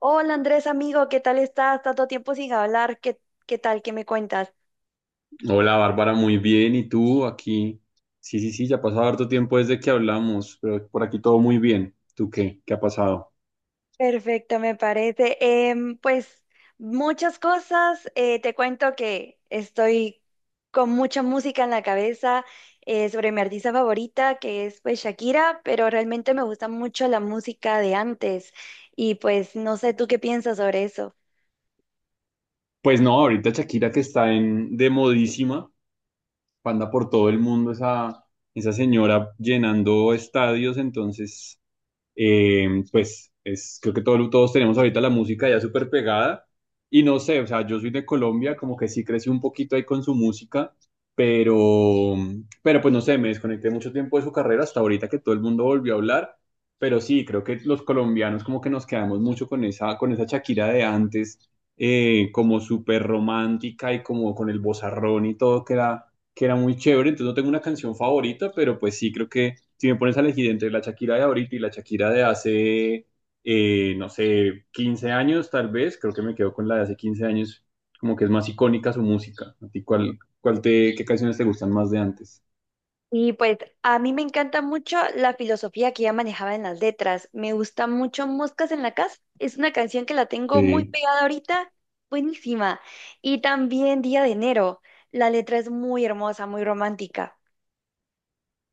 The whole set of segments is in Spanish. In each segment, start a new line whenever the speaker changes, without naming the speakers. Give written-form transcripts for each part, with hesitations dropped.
Hola Andrés, amigo, ¿qué tal estás? Tanto tiempo sin hablar, ¿qué tal? ¿Qué me cuentas?
Hola Bárbara, muy bien. ¿Y tú aquí? Sí, sí, sí, ya ha pasado harto tiempo desde que hablamos, pero por aquí todo muy bien. ¿Tú qué? ¿Qué ha pasado?
Perfecto, me parece. Pues muchas cosas. Te cuento que estoy con mucha música en la cabeza sobre mi artista favorita, que es pues Shakira, pero realmente me gusta mucho la música de antes y pues no sé tú qué piensas sobre eso.
Pues no, ahorita Shakira que está en de modísima, panda por todo el mundo, esa señora llenando estadios, entonces pues es, creo que todos tenemos ahorita la música ya súper pegada y no sé, o sea, yo soy de Colombia, como que sí crecí un poquito ahí con su música, pero, pero pues no sé, me desconecté mucho tiempo de su carrera hasta ahorita que todo el mundo volvió a hablar, pero sí, creo que los colombianos como que nos quedamos mucho con esa Shakira de antes, como súper romántica y como con el vozarrón y todo que era muy chévere, entonces no tengo una canción favorita, pero pues sí, creo que si me pones a elegir entre la Shakira de ahorita y la Shakira de hace no sé, 15 años tal vez, creo que me quedo con la de hace 15 años, como que es más icónica su música. ¿A ti cuál te, qué canciones te gustan más de antes?
Y pues a mí me encanta mucho la filosofía que ella manejaba en las letras. Me gusta mucho Moscas en la Casa. Es una canción que la tengo muy
Sí,
pegada ahorita. Buenísima. Y también Día de Enero. La letra es muy hermosa, muy romántica.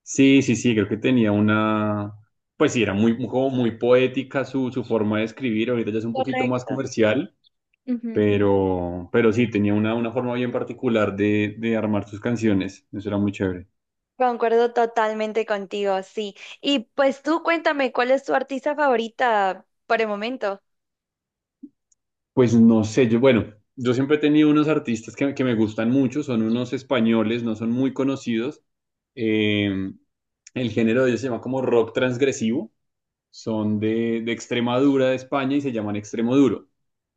sí, sí, sí, creo que tenía una, pues sí, era muy, como muy poética su forma de escribir, ahorita ya es un poquito más
Correcto.
comercial.
Ujú.
Pero sí, tenía una forma bien particular de armar sus canciones. Eso era muy chévere.
Concuerdo totalmente contigo, sí. Y pues tú cuéntame, ¿cuál es tu artista favorita por el momento?
Pues no sé, yo, bueno, yo siempre he tenido unos artistas que me gustan mucho, son unos españoles, no son muy conocidos. Eh, el género de ellos se llama como rock transgresivo, son de Extremadura, de España, y se llaman extremoduro,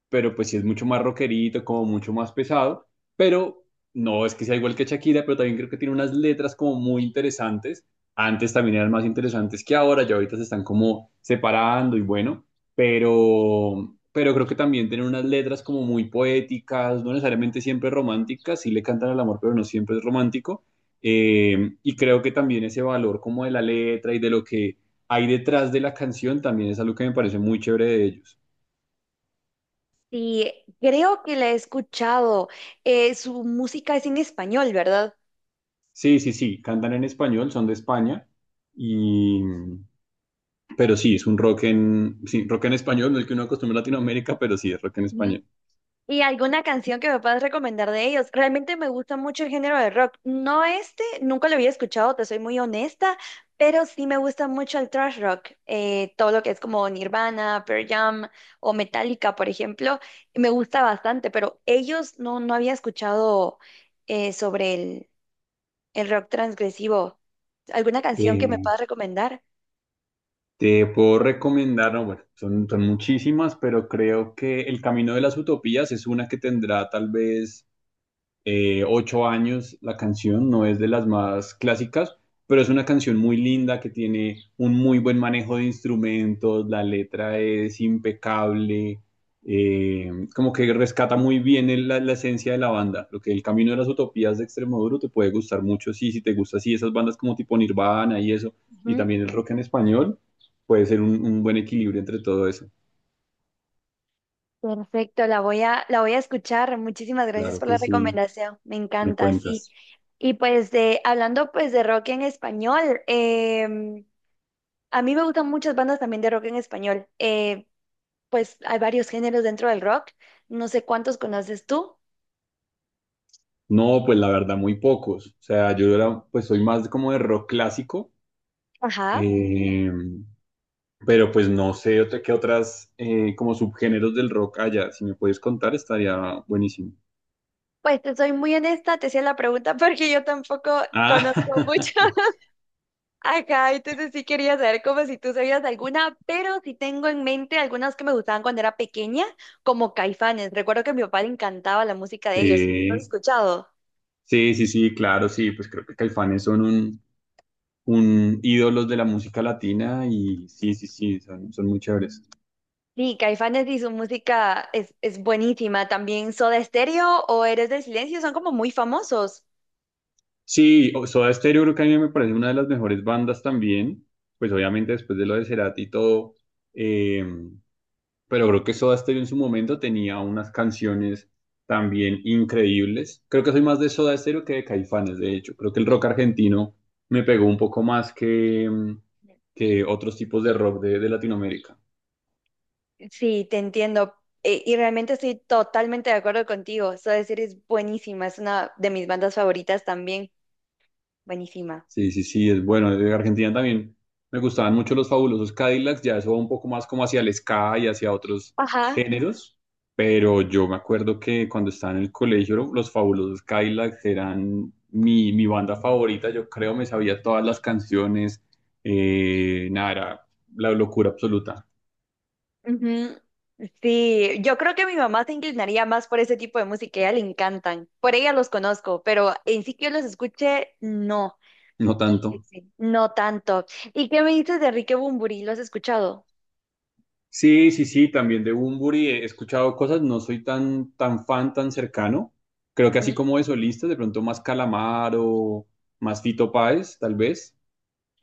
pero pues sí es mucho más rockerito, como mucho más pesado, pero no es que sea igual que Shakira, pero también creo que tiene unas letras como muy interesantes. Antes también eran más interesantes que ahora, ya ahorita se están como separando y bueno, pero creo que también tienen unas letras como muy poéticas, no necesariamente siempre románticas, sí le cantan al amor, pero no siempre es romántico. Y creo que también ese valor como de la letra y de lo que hay detrás de la canción también es algo que me parece muy chévere de ellos.
Sí, creo que la he escuchado. Su música es en español, ¿verdad?
Sí, sí, sí, cantan en español, son de España, y... pero sí, es un sí, rock en español, no es el que uno acostumbra en Latinoamérica, pero sí, es rock en español.
Y alguna canción que me puedas recomendar de ellos. Realmente me gusta mucho el género de rock. No este, nunca lo había escuchado, te soy muy honesta, pero sí me gusta mucho el thrash rock. Todo lo que es como Nirvana, Pearl Jam o Metallica, por ejemplo, me gusta bastante, pero ellos no, no había escuchado sobre el rock transgresivo. ¿Alguna canción que me
Eh,
puedas recomendar?
te puedo recomendar, no, bueno, son muchísimas, pero creo que El Camino de las Utopías es una que tendrá tal vez 8 años la canción, no es de las más clásicas, pero es una canción muy linda que tiene un muy buen manejo de instrumentos, la letra es impecable, como que rescata muy bien la esencia de la banda. Lo que el Camino de las Utopías de Extremoduro te puede gustar mucho, sí, si te gusta así esas bandas como tipo Nirvana y eso, y también el rock en español, puede ser un buen equilibrio entre todo eso.
Perfecto, la voy a escuchar. Muchísimas gracias
Claro
por
que
la
sí,
recomendación. Me
me
encanta, sí.
cuentas.
Y pues hablando pues de rock en español, a mí me gustan muchas bandas también de rock en español. Pues hay varios géneros dentro del rock. No sé cuántos conoces tú.
No, pues la verdad, muy pocos. O sea, yo era, pues soy más como de rock clásico,
Ajá.
eh, pero pues no sé otra, qué otras como subgéneros del rock haya. Si me puedes contar, estaría buenísimo.
Pues te soy muy honesta, te hacía la pregunta porque yo tampoco
Ah,
conozco mucho. Ajá, entonces sí quería saber como si tú sabías alguna, pero sí tengo en mente algunas que me gustaban cuando era pequeña, como Caifanes. Recuerdo que a mi papá le encantaba la música de ellos. ¿No has
sí,
escuchado?
sí, sí, sí, claro, sí, pues creo que Caifanes son un ídolos de la música latina y sí, sí, sí, son, son muy chéveres.
Sí, Caifanes y su música es buenísima. También Soda Stereo o Eres del Silencio son como muy famosos.
Sí, o- Soda Stereo creo que a mí me parece una de las mejores bandas también, pues obviamente después de lo de Cerati y todo. eh, pero creo que Soda Stereo en su momento tenía unas canciones también increíbles. Creo que soy más de Soda Stereo que de Caifanes, de hecho. Creo que el rock argentino me pegó un poco más que que otros tipos de rock de Latinoamérica.
Sí, te entiendo. Y realmente estoy totalmente de acuerdo contigo. Soda Stereo es buenísima, es una de mis bandas favoritas también. Buenísima.
Sí, sí, sí, es bueno. De Argentina también me gustaban mucho los fabulosos Cadillacs, ya eso va un poco más como hacia el ska y hacia otros
Ajá.
géneros, pero yo me acuerdo que cuando estaba en el colegio los fabulosos Cadillacs eran mi banda favorita, yo creo me sabía todas las canciones, nada, era la locura absoluta,
Ujú. Sí, yo creo que mi mamá se inclinaría más por ese tipo de música, a ella le encantan. Por ella los conozco, pero en sí que yo los escuche, no,
no
sí,
tanto.
sí, no tanto. ¿Y qué me dices de Enrique Bunbury? ¿Lo has escuchado?
Sí, sí, sí, también de Bunbury he escuchado cosas, no soy tan, tan fan, tan cercano. Creo que así
Ujú.
como de solistas, de pronto más Calamaro, más Fito Páez, tal vez.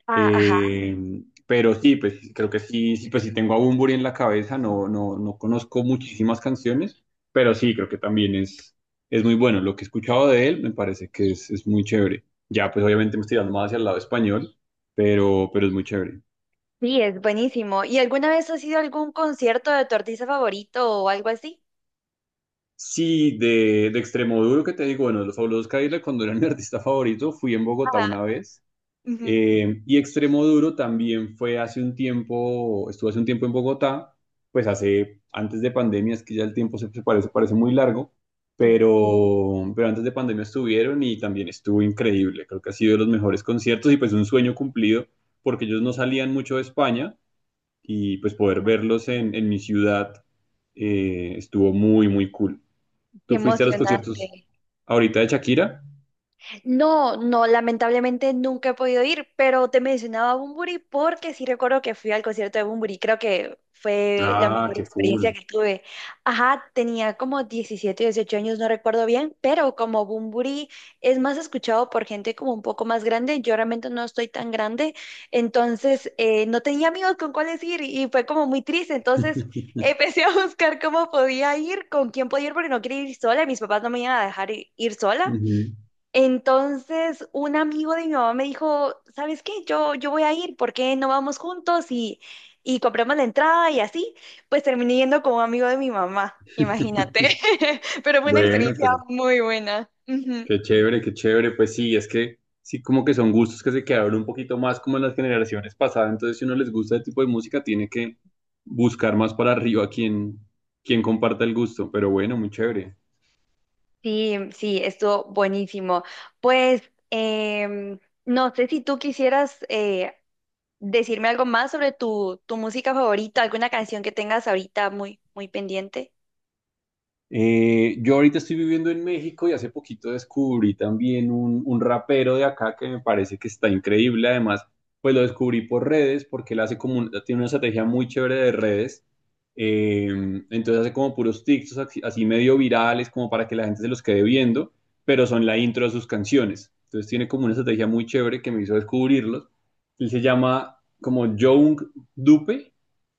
Ah, ajá.
Eh, pero sí, pues creo que sí, sí, pues sí tengo a Bunbury en la cabeza, no, no, no conozco muchísimas canciones, pero sí, creo que también es muy bueno. Lo que he escuchado de él me parece que es muy chévere. Ya, pues obviamente me estoy dando más hacia el lado español, pero es
Ujú.
muy chévere.
Sí, es buenísimo. ¿Y alguna vez has ido a algún concierto de tu artista favorito o algo así?
Sí, de extremo duro que te digo, bueno, Los Fabulosos Cadillacs cuando era mi artista favorito, fui en Bogotá
Ajá.
una vez.
Ujú.
Y extremo duro también fue hace un tiempo, estuvo hace un tiempo en Bogotá, pues hace, antes de pandemia, es que ya el tiempo se parece, parece muy largo,
Sí.
pero antes de pandemia estuvieron y también estuvo increíble. Creo que ha sido de los mejores conciertos y pues un sueño cumplido, porque ellos no salían mucho de España y pues poder
Ya.
verlos en mi ciudad estuvo muy, muy cool.
Qué
¿Tú fuiste a los conciertos
emocionante.
ahorita de Shakira?
No, no, lamentablemente nunca he podido ir, pero te mencionaba a Bunbury porque sí recuerdo que fui al concierto de Bunbury, creo que fue la
Ah,
mejor
qué
experiencia
cool.
que tuve. Ajá, tenía como 17, 18 años, no recuerdo bien, pero como Bunbury es más escuchado por gente como un poco más grande, yo realmente no estoy tan grande, entonces no tenía amigos con cuáles ir y fue como muy triste, entonces empecé a buscar cómo podía ir, con quién podía ir, porque no quería ir sola y mis papás no me iban a dejar ir sola.
Ujú.
Entonces, un amigo de mi mamá me dijo, ¿sabes qué? Yo voy a ir, ¿por qué no vamos juntos y compramos la entrada y así? Pues terminé yendo con un amigo de mi mamá, imagínate. Pero fue una
Bueno,
experiencia
pero
muy buena. Ujú.
qué chévere, qué chévere. Pues sí, es que sí, como que son gustos que se quedaron un poquito más como en las generaciones pasadas. Entonces, si uno les gusta ese tipo de música, tiene que buscar más para arriba quien comparta el gusto. Pero bueno, muy chévere.
Sí, sí, estuvo buenísimo. Pues, no sé si tú quisieras decirme algo más sobre tu música favorita, alguna canción que tengas ahorita muy pendiente.
Yo ahorita estoy viviendo en México y hace poquito descubrí también un rapero de acá que me parece que está increíble. Además, pues lo descubrí por redes porque él hace como tiene una estrategia muy chévere de redes. Eh, entonces hace como puros TikToks así, así medio virales como para que la gente se los quede viendo, pero son la intro de sus canciones. Entonces tiene como una estrategia muy chévere que me hizo descubrirlos. Él se llama como Young Dupe,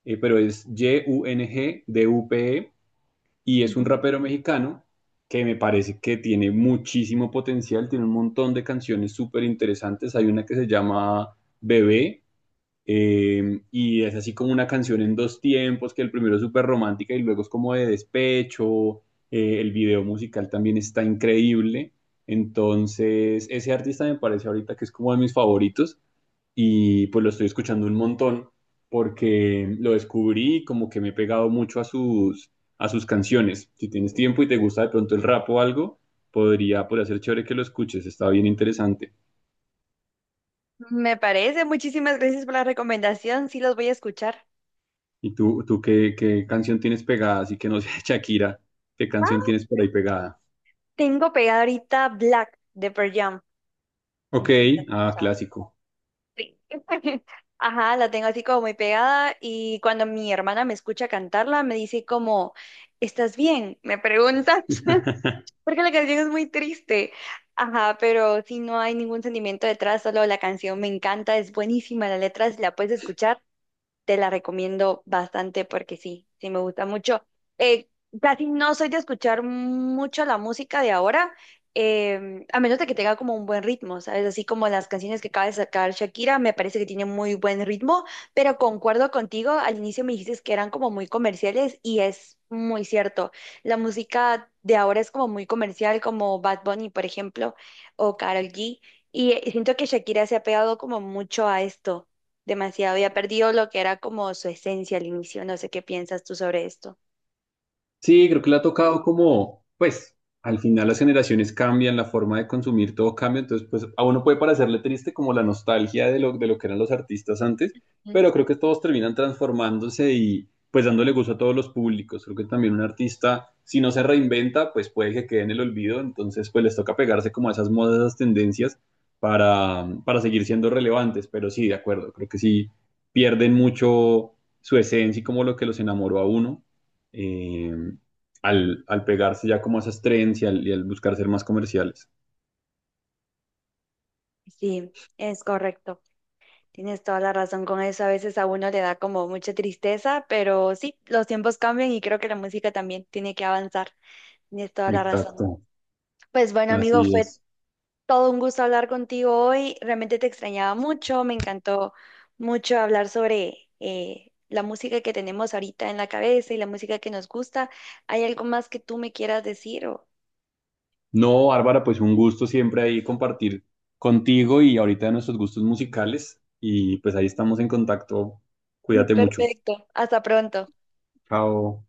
pero es YUNGDUPE y es
Ujú.
un rapero mexicano que me parece que tiene muchísimo potencial, tiene un montón de canciones súper interesantes. Hay una que se llama Bebé, y es así como una canción en dos tiempos, que el primero es súper romántica y luego es como de despecho. El video musical también está increíble. Entonces, ese artista me parece ahorita que es como de mis favoritos y pues lo estoy escuchando un montón porque lo descubrí y como que me he pegado mucho a a sus canciones. Si tienes tiempo y te gusta de pronto el rap o algo, podría, podría ser chévere que lo escuches, está bien interesante.
Me parece. Muchísimas gracias por la recomendación. Sí, los voy a escuchar.
¿Y tú qué canción tienes pegada? Así que no sé, Shakira, ¿qué canción
Ah,
tienes por ahí pegada?
tengo pegada ahorita Black de Pearl Jam. No
Ok,
sé si la has
ah,
escuchado.
clásico.
Sí. Ajá, la tengo así como muy pegada y cuando mi hermana me escucha cantarla me dice como, ¿estás bien? Me pregunta, porque la canción es muy triste. Ajá, pero si no hay ningún sentimiento detrás, solo la canción me encanta, es buenísima, la letra, si la puedes escuchar, te la recomiendo bastante porque sí me gusta mucho. Eh, casi no soy de escuchar mucho la música de ahora, a menos de que tenga como un buen ritmo, ¿sabes? Así como las canciones que acaba de sacar Shakira, me parece que tiene muy buen ritmo, pero concuerdo contigo, al inicio me dijiste que eran como muy comerciales y es muy cierto. La música de ahora es como muy comercial, como Bad Bunny, por ejemplo, o Karol G. Y siento que Shakira se ha pegado como mucho a esto demasiado y ha perdido lo que era como su esencia al inicio. No sé qué piensas tú sobre esto.
Sí, creo que le ha tocado como, pues, al final las generaciones cambian, la forma de consumir todo cambia, entonces, pues, a uno puede parecerle triste como la nostalgia de lo que eran los artistas antes,
Mm.
pero creo que todos terminan transformándose y, pues, dándole gusto a todos los públicos. Creo que también un artista, si no se reinventa, pues puede que quede en el olvido, entonces, pues, les toca pegarse como a esas modas, esas tendencias para para seguir siendo relevantes, pero sí, de acuerdo, creo que sí pierden mucho su esencia y como lo que los enamoró a uno eh, al pegarse ya como a esas trends y al buscar ser más comerciales.
Sí, es correcto. Tienes toda la razón con eso. A veces a uno le da como mucha tristeza, pero sí, los tiempos cambian y creo que la música también tiene que avanzar. Tienes toda la razón.
Exacto,
Pues bueno, amigo,
así
fue
es.
todo un gusto hablar contigo hoy. Realmente te extrañaba mucho. Me encantó mucho hablar sobre la música que tenemos ahorita en la cabeza y la música que nos gusta. ¿Hay algo más que tú me quieras decir o?
No, Bárbara, pues un gusto siempre ahí compartir contigo y ahorita de nuestros gustos musicales y pues ahí estamos en contacto. Cuídate mucho.
Perfecto. Hasta pronto.
Chao.